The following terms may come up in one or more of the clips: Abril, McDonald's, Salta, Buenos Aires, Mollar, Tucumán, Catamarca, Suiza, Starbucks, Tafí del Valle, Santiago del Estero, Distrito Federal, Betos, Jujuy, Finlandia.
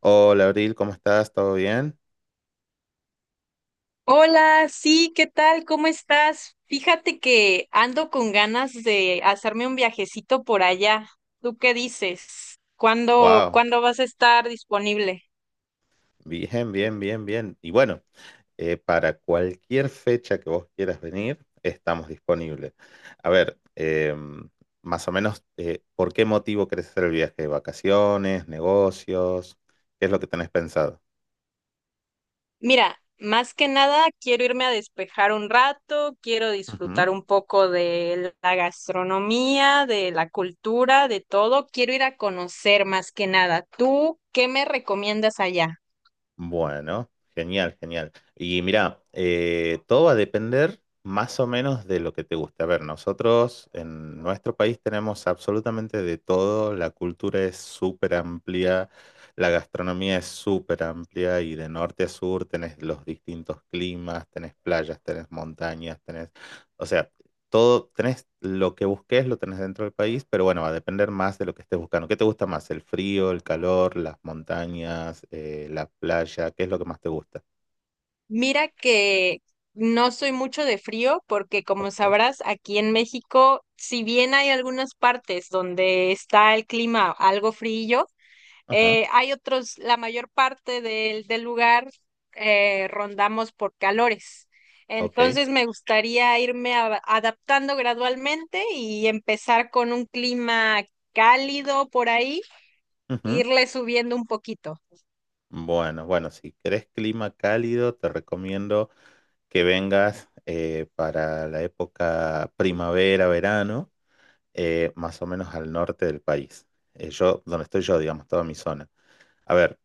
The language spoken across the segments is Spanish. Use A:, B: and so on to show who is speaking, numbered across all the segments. A: Hola Abril, ¿cómo estás? ¿Todo bien?
B: Hola, sí, ¿qué tal? ¿Cómo estás? Fíjate que ando con ganas de hacerme un viajecito por allá. ¿Tú qué dices? ¿Cuándo,
A: Wow,
B: cuándo vas a estar disponible?
A: bien. Y bueno, para cualquier fecha que vos quieras venir, estamos disponibles. A ver, más o menos, ¿por qué motivo querés hacer el viaje? ¿Vacaciones? ¿Negocios? ¿Qué es lo que tenés pensado?
B: Mira, más que nada quiero irme a despejar un rato, quiero disfrutar un poco de la gastronomía, de la cultura, de todo. Quiero ir a conocer más que nada. ¿Tú qué me recomiendas allá?
A: Bueno, genial. Y mira, todo va a depender más o menos de lo que te guste. A ver, nosotros en nuestro país tenemos absolutamente de todo, la cultura es súper amplia, la gastronomía es súper amplia y de norte a sur tenés los distintos climas, tenés playas, tenés montañas, O sea, todo, tenés lo que busques, lo tenés dentro del país, pero bueno, va a depender más de lo que estés buscando. ¿Qué te gusta más? ¿El frío, el calor, las montañas, la playa? ¿Qué es lo que más te gusta?
B: Mira que no soy mucho de frío porque, como
A: Ok,
B: sabrás, aquí en México, si bien hay algunas partes donde está el clima algo frío,
A: ajá,
B: hay otros, la mayor parte del lugar rondamos por calores.
A: ok.
B: Entonces me gustaría adaptando gradualmente y empezar con un clima cálido por ahí, e
A: Ujú.
B: irle subiendo un poquito.
A: Bueno, bueno, si querés clima cálido, te recomiendo que vengas para la época primavera, verano, más o menos al norte del país. Yo, donde estoy yo, digamos, toda mi zona. A ver,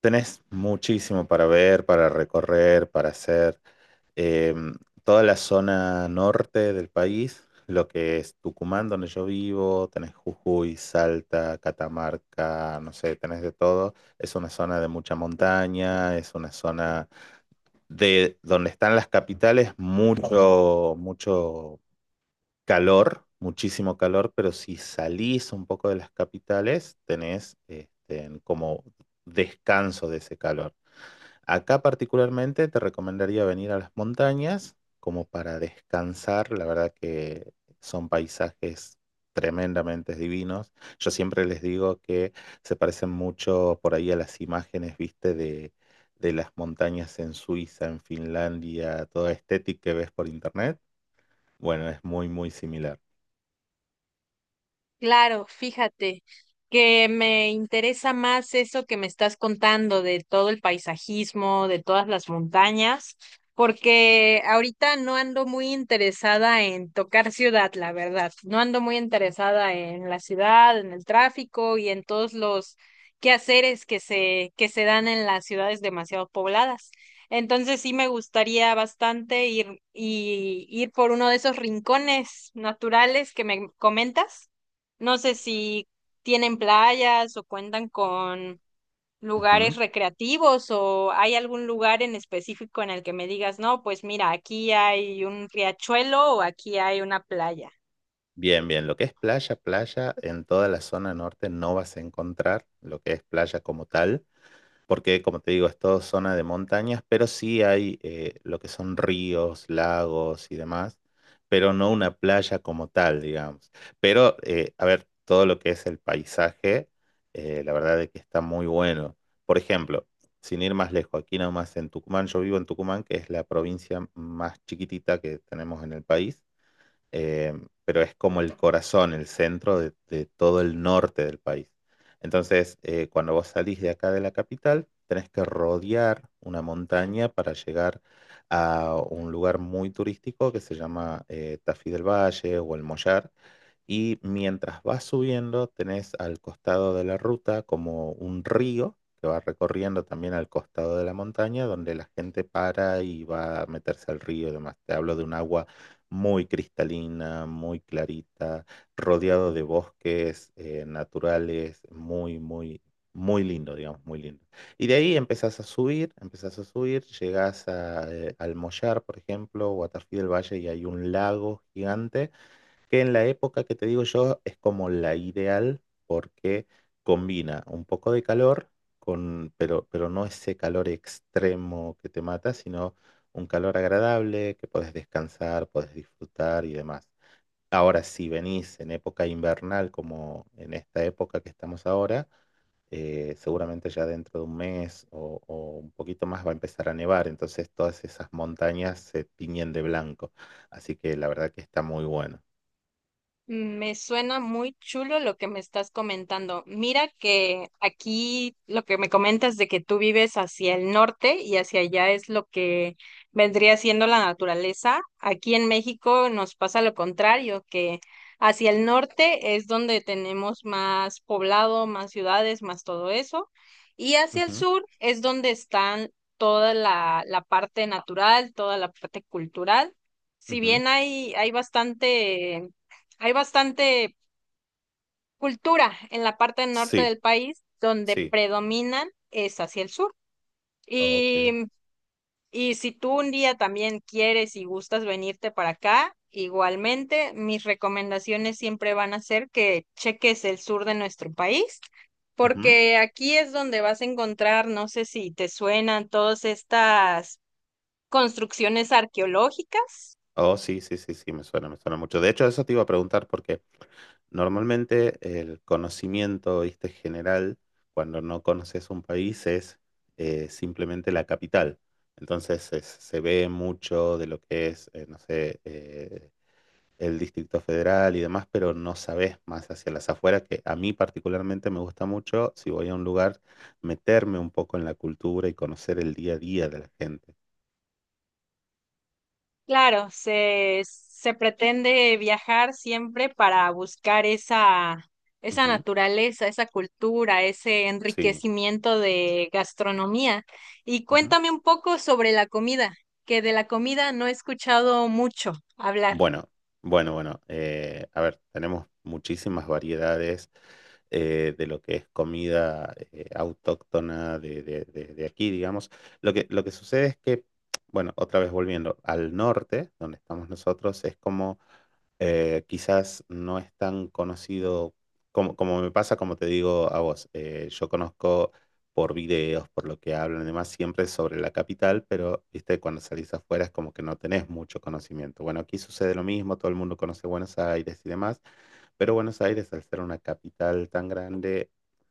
A: tenés muchísimo para ver, para recorrer, para hacer. eh, Toda la zona norte del país, lo que es Tucumán, donde yo vivo, tenés Jujuy, Salta, Catamarca, no sé, tenés de todo. Es una zona de mucha montaña, es una zona de donde están las capitales, mucho calor, muchísimo calor, pero si salís un poco de las capitales, tenés este, como descanso de ese calor. Acá particularmente te recomendaría venir a las montañas como para descansar. La verdad que son paisajes tremendamente divinos. Yo siempre les digo que se parecen mucho por ahí a las imágenes, viste, de las montañas en Suiza, en Finlandia, toda estética que ves por internet. Bueno, es muy similar.
B: Claro, fíjate que me interesa más eso que me estás contando de todo el paisajismo, de todas las montañas, porque ahorita no ando muy interesada en tocar ciudad, la verdad. No ando muy interesada en la ciudad, en el tráfico y en todos los quehaceres que se dan en las ciudades demasiado pobladas. Entonces sí me gustaría bastante ir por uno de esos rincones naturales que me comentas. No sé si tienen playas o cuentan con lugares
A: Ujú.
B: recreativos o hay algún lugar en específico en el que me digas: no, pues mira, aquí hay un riachuelo o aquí hay una playa.
A: Bien, bien, lo que es playa, playa, en toda la zona norte no vas a encontrar lo que es playa como tal, porque como te digo, es todo zona de montañas, pero sí hay lo que son ríos, lagos y demás, pero no una playa como tal, digamos. Pero, a ver, todo lo que es el paisaje, la verdad es que está muy bueno. Por ejemplo, sin ir más lejos, aquí nomás en Tucumán, yo vivo en Tucumán, que es la provincia más chiquitita que tenemos en el país, eh, pero es como el corazón, el centro de todo el norte del país. Entonces, cuando vos salís de acá de la capital, tenés que rodear una montaña para llegar a un lugar muy turístico que se llama Tafí del Valle o el Mollar, y mientras vas subiendo, tenés al costado de la ruta como un río que va recorriendo también al costado de la montaña, donde la gente para y va a meterse al río y demás. Te hablo de un agua muy cristalina, muy clarita, rodeado de bosques naturales, muy lindo, digamos, muy lindo. Y de ahí empezás a subir, llegás al Mollar, por ejemplo, o a Tafí del Valle y hay un lago gigante que en la época que te digo yo es como la ideal porque combina un poco de calor con, pero no ese calor extremo que te mata, sino un calor agradable que podés descansar, podés disfrutar y demás. Ahora, si venís en época invernal, como en esta época que estamos ahora, seguramente ya dentro de un mes o un poquito más va a empezar a nevar, entonces todas esas montañas se tiñen de blanco, así que la verdad que está muy bueno.
B: Mm. Me suena muy chulo lo que me estás comentando. Mira que aquí lo que me comentas de que tú vives hacia el norte y hacia allá es lo que vendría siendo la naturaleza. Aquí en México nos pasa lo contrario, que hacia el norte es donde tenemos más poblado, más ciudades, más todo eso. Y hacia el
A: Ujú.
B: sur es donde están toda la parte natural, toda la parte cultural. Si
A: Ujú.
B: bien hay, hay bastante cultura en la parte norte
A: Sí,
B: del país, donde
A: sí.
B: predominan es hacia el sur.
A: Ok.
B: Y, y si tú un día también quieres y gustas venirte para acá, igualmente mis recomendaciones siempre van a ser que cheques el sur de nuestro país,
A: Ujú.
B: porque aquí es donde vas a encontrar, no sé si te suenan, todas estas construcciones arqueológicas.
A: Oh, sí, me suena mucho. De hecho, eso te iba a preguntar porque normalmente el conocimiento, viste, general, cuando no conoces un país es simplemente la capital. Entonces se ve mucho de lo que es, no sé, el Distrito Federal y demás, pero no sabes más hacia las afueras, que a mí particularmente me gusta mucho, si voy a un lugar, meterme un poco en la cultura y conocer el día a día de la gente.
B: Claro, se pretende viajar siempre para buscar esa, esa
A: Ujú,
B: naturaleza, esa cultura, ese
A: sí.
B: enriquecimiento de gastronomía. Y
A: Ujú.
B: cuéntame un poco sobre la comida, que de la comida no he escuchado mucho hablar.
A: Bueno, bueno. A ver, tenemos muchísimas variedades de lo que es comida autóctona de aquí, digamos. Lo que sucede es que, bueno, otra vez volviendo al norte, donde estamos nosotros, es como quizás no es tan conocido como me pasa, como te digo a vos. Yo conozco por videos, por lo que hablan y demás, siempre sobre la capital, pero viste, cuando salís afuera es como que no tenés mucho conocimiento. Bueno, aquí sucede lo mismo, todo el mundo conoce Buenos Aires y demás, pero Buenos Aires, al ser una capital tan grande,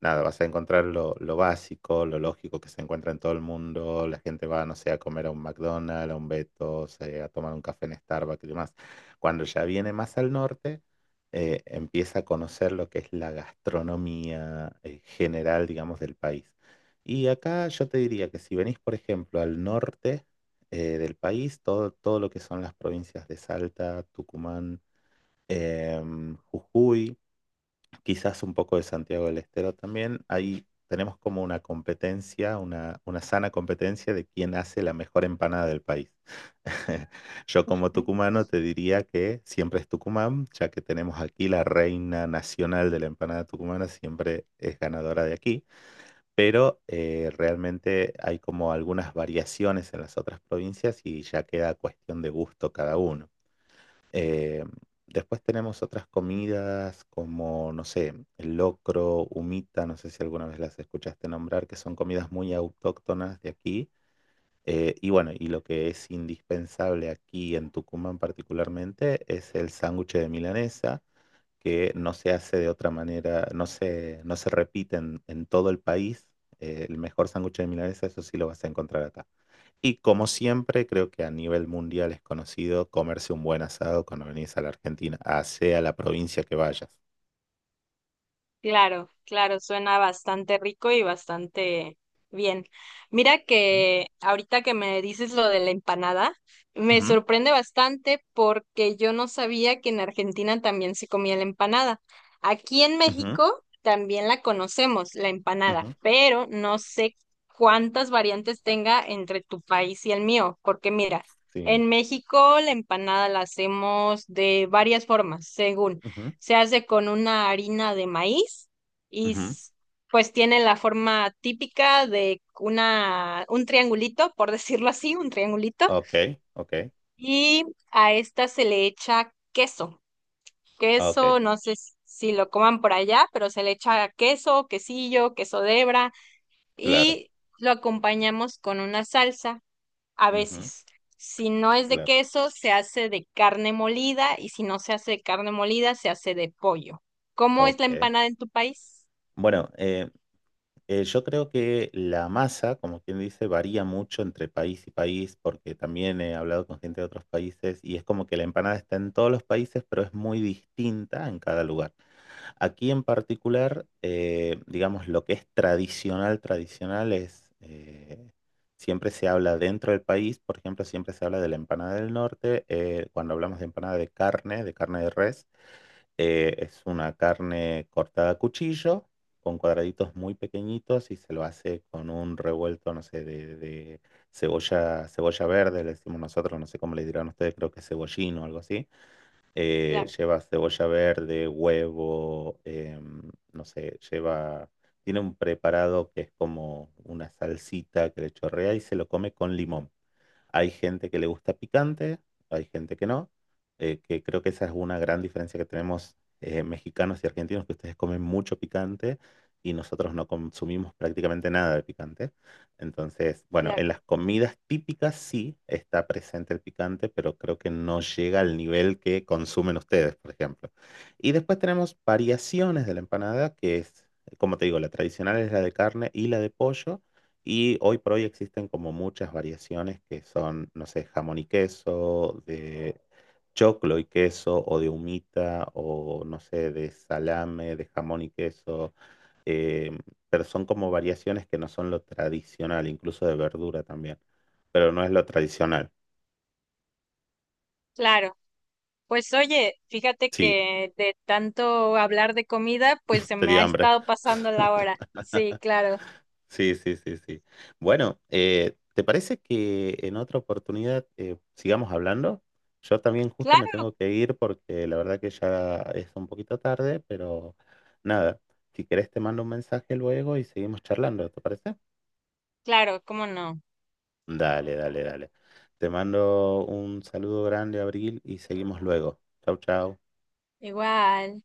A: nada, vas a encontrar lo básico, lo lógico que se encuentra en todo el mundo, la gente va, no sé, a comer a un McDonald's, a un Betos, a tomar un café en Starbucks y demás. Cuando ya viene más al norte, empieza a conocer lo que es la gastronomía general, digamos, del país. Y acá yo te diría que si venís, por ejemplo, al norte del país, todo, todo lo que son las provincias de Salta, Tucumán, Jujuy, quizás un poco de Santiago del Estero también, ahí tenemos como una competencia, una sana competencia de quién hace la mejor empanada del país. Yo como tucumano te diría que siempre es Tucumán, ya que tenemos aquí la reina nacional de la empanada tucumana, siempre es ganadora de aquí, pero realmente hay como algunas variaciones en las otras provincias y ya queda cuestión de gusto cada uno. Eh, después tenemos otras comidas como, no sé, el locro, humita, no sé si alguna vez las escuchaste nombrar, que son comidas muy autóctonas de aquí. Y bueno, y lo que es indispensable aquí en Tucumán particularmente es el sándwich de milanesa, que no se hace de otra manera, no se repite en todo el país. El mejor sándwich de milanesa, eso sí lo vas a encontrar acá. Y como siempre, creo que a nivel mundial es conocido comerse un buen asado cuando venís a la Argentina, a sea la provincia que vayas.
B: Claro, claro, suena bastante rico y bastante bien. Mira
A: ¿Mm?
B: que ahorita que me dices lo de la empanada, me
A: Ujú,
B: sorprende bastante, porque yo no sabía que en Argentina también se comía la empanada. Aquí en
A: ujú,
B: México también la conocemos, la empanada,
A: ujú,
B: pero no sé cuántas variantes tenga entre tu país y el mío, porque mira,
A: sí.
B: en México la empanada la hacemos de varias formas, según.
A: Ujú,
B: Se hace con una harina de maíz y
A: ujú.
B: pues tiene la forma típica de una, un triangulito, por decirlo así, un triangulito,
A: Ok, ok,
B: y a esta se le echa queso.
A: ok,
B: Queso, no sé si lo coman por allá, pero se le echa queso, quesillo, queso de hebra,
A: claro.
B: y lo acompañamos con una salsa. A
A: Ujú,
B: veces. Si no es de
A: claro,
B: queso, se hace de carne molida, y si no se hace de carne molida, se hace de pollo. ¿Cómo es la
A: ok.
B: empanada en tu país?
A: Bueno, yo creo que la masa, como quien dice, varía mucho entre país y país, porque también he hablado con gente de otros países y es como que la empanada está en todos los países, pero es muy distinta en cada lugar. Aquí en particular, digamos, lo que es tradicional, tradicional es, siempre se habla dentro del país, por ejemplo, siempre se habla de la empanada del norte, cuando hablamos de empanada de carne, de carne de res. Es una carne cortada a cuchillo, con cuadraditos muy pequeñitos y se lo hace con un revuelto, no sé, de cebolla, cebolla verde, le decimos nosotros, no sé cómo le dirán ustedes, creo que cebollín o algo así.
B: Claro,
A: Lleva cebolla verde, huevo, no sé, lleva... Tiene un preparado que es como una salsita que le chorrea y se lo come con limón. Hay gente que le gusta picante, hay gente que no, que creo que esa es una gran diferencia que tenemos, mexicanos y argentinos, que ustedes comen mucho picante y nosotros no consumimos prácticamente nada de picante. Entonces, bueno, en
B: claro,
A: las comidas típicas sí está presente el picante, pero creo que no llega al nivel que consumen ustedes, por ejemplo. Y después tenemos variaciones de la empanada, que es, como te digo, la tradicional es la de carne y la de pollo. Y hoy por hoy existen como muchas variaciones que son, no sé, jamón y queso, de choclo y queso, o de humita, o no sé, de salame, de jamón y queso. eh, pero son como variaciones que no son lo tradicional, incluso de verdura también. Pero no es lo tradicional.
B: claro. Pues oye, fíjate
A: Sí,
B: que de tanto hablar de comida, pues se
A: te
B: me
A: di
B: ha
A: hambre.
B: estado pasando la hora. Sí, claro,
A: Sí. Bueno, ¿te parece que en otra oportunidad sigamos hablando? Yo también justo me
B: claro,
A: tengo que ir porque la verdad que ya es un poquito tarde, pero nada, si querés te mando un mensaje luego y seguimos charlando, ¿te parece?
B: claro, ¿cómo no?
A: Dale. Te mando un saludo grande, Abril, y seguimos luego. Chau, chau.
B: Igual.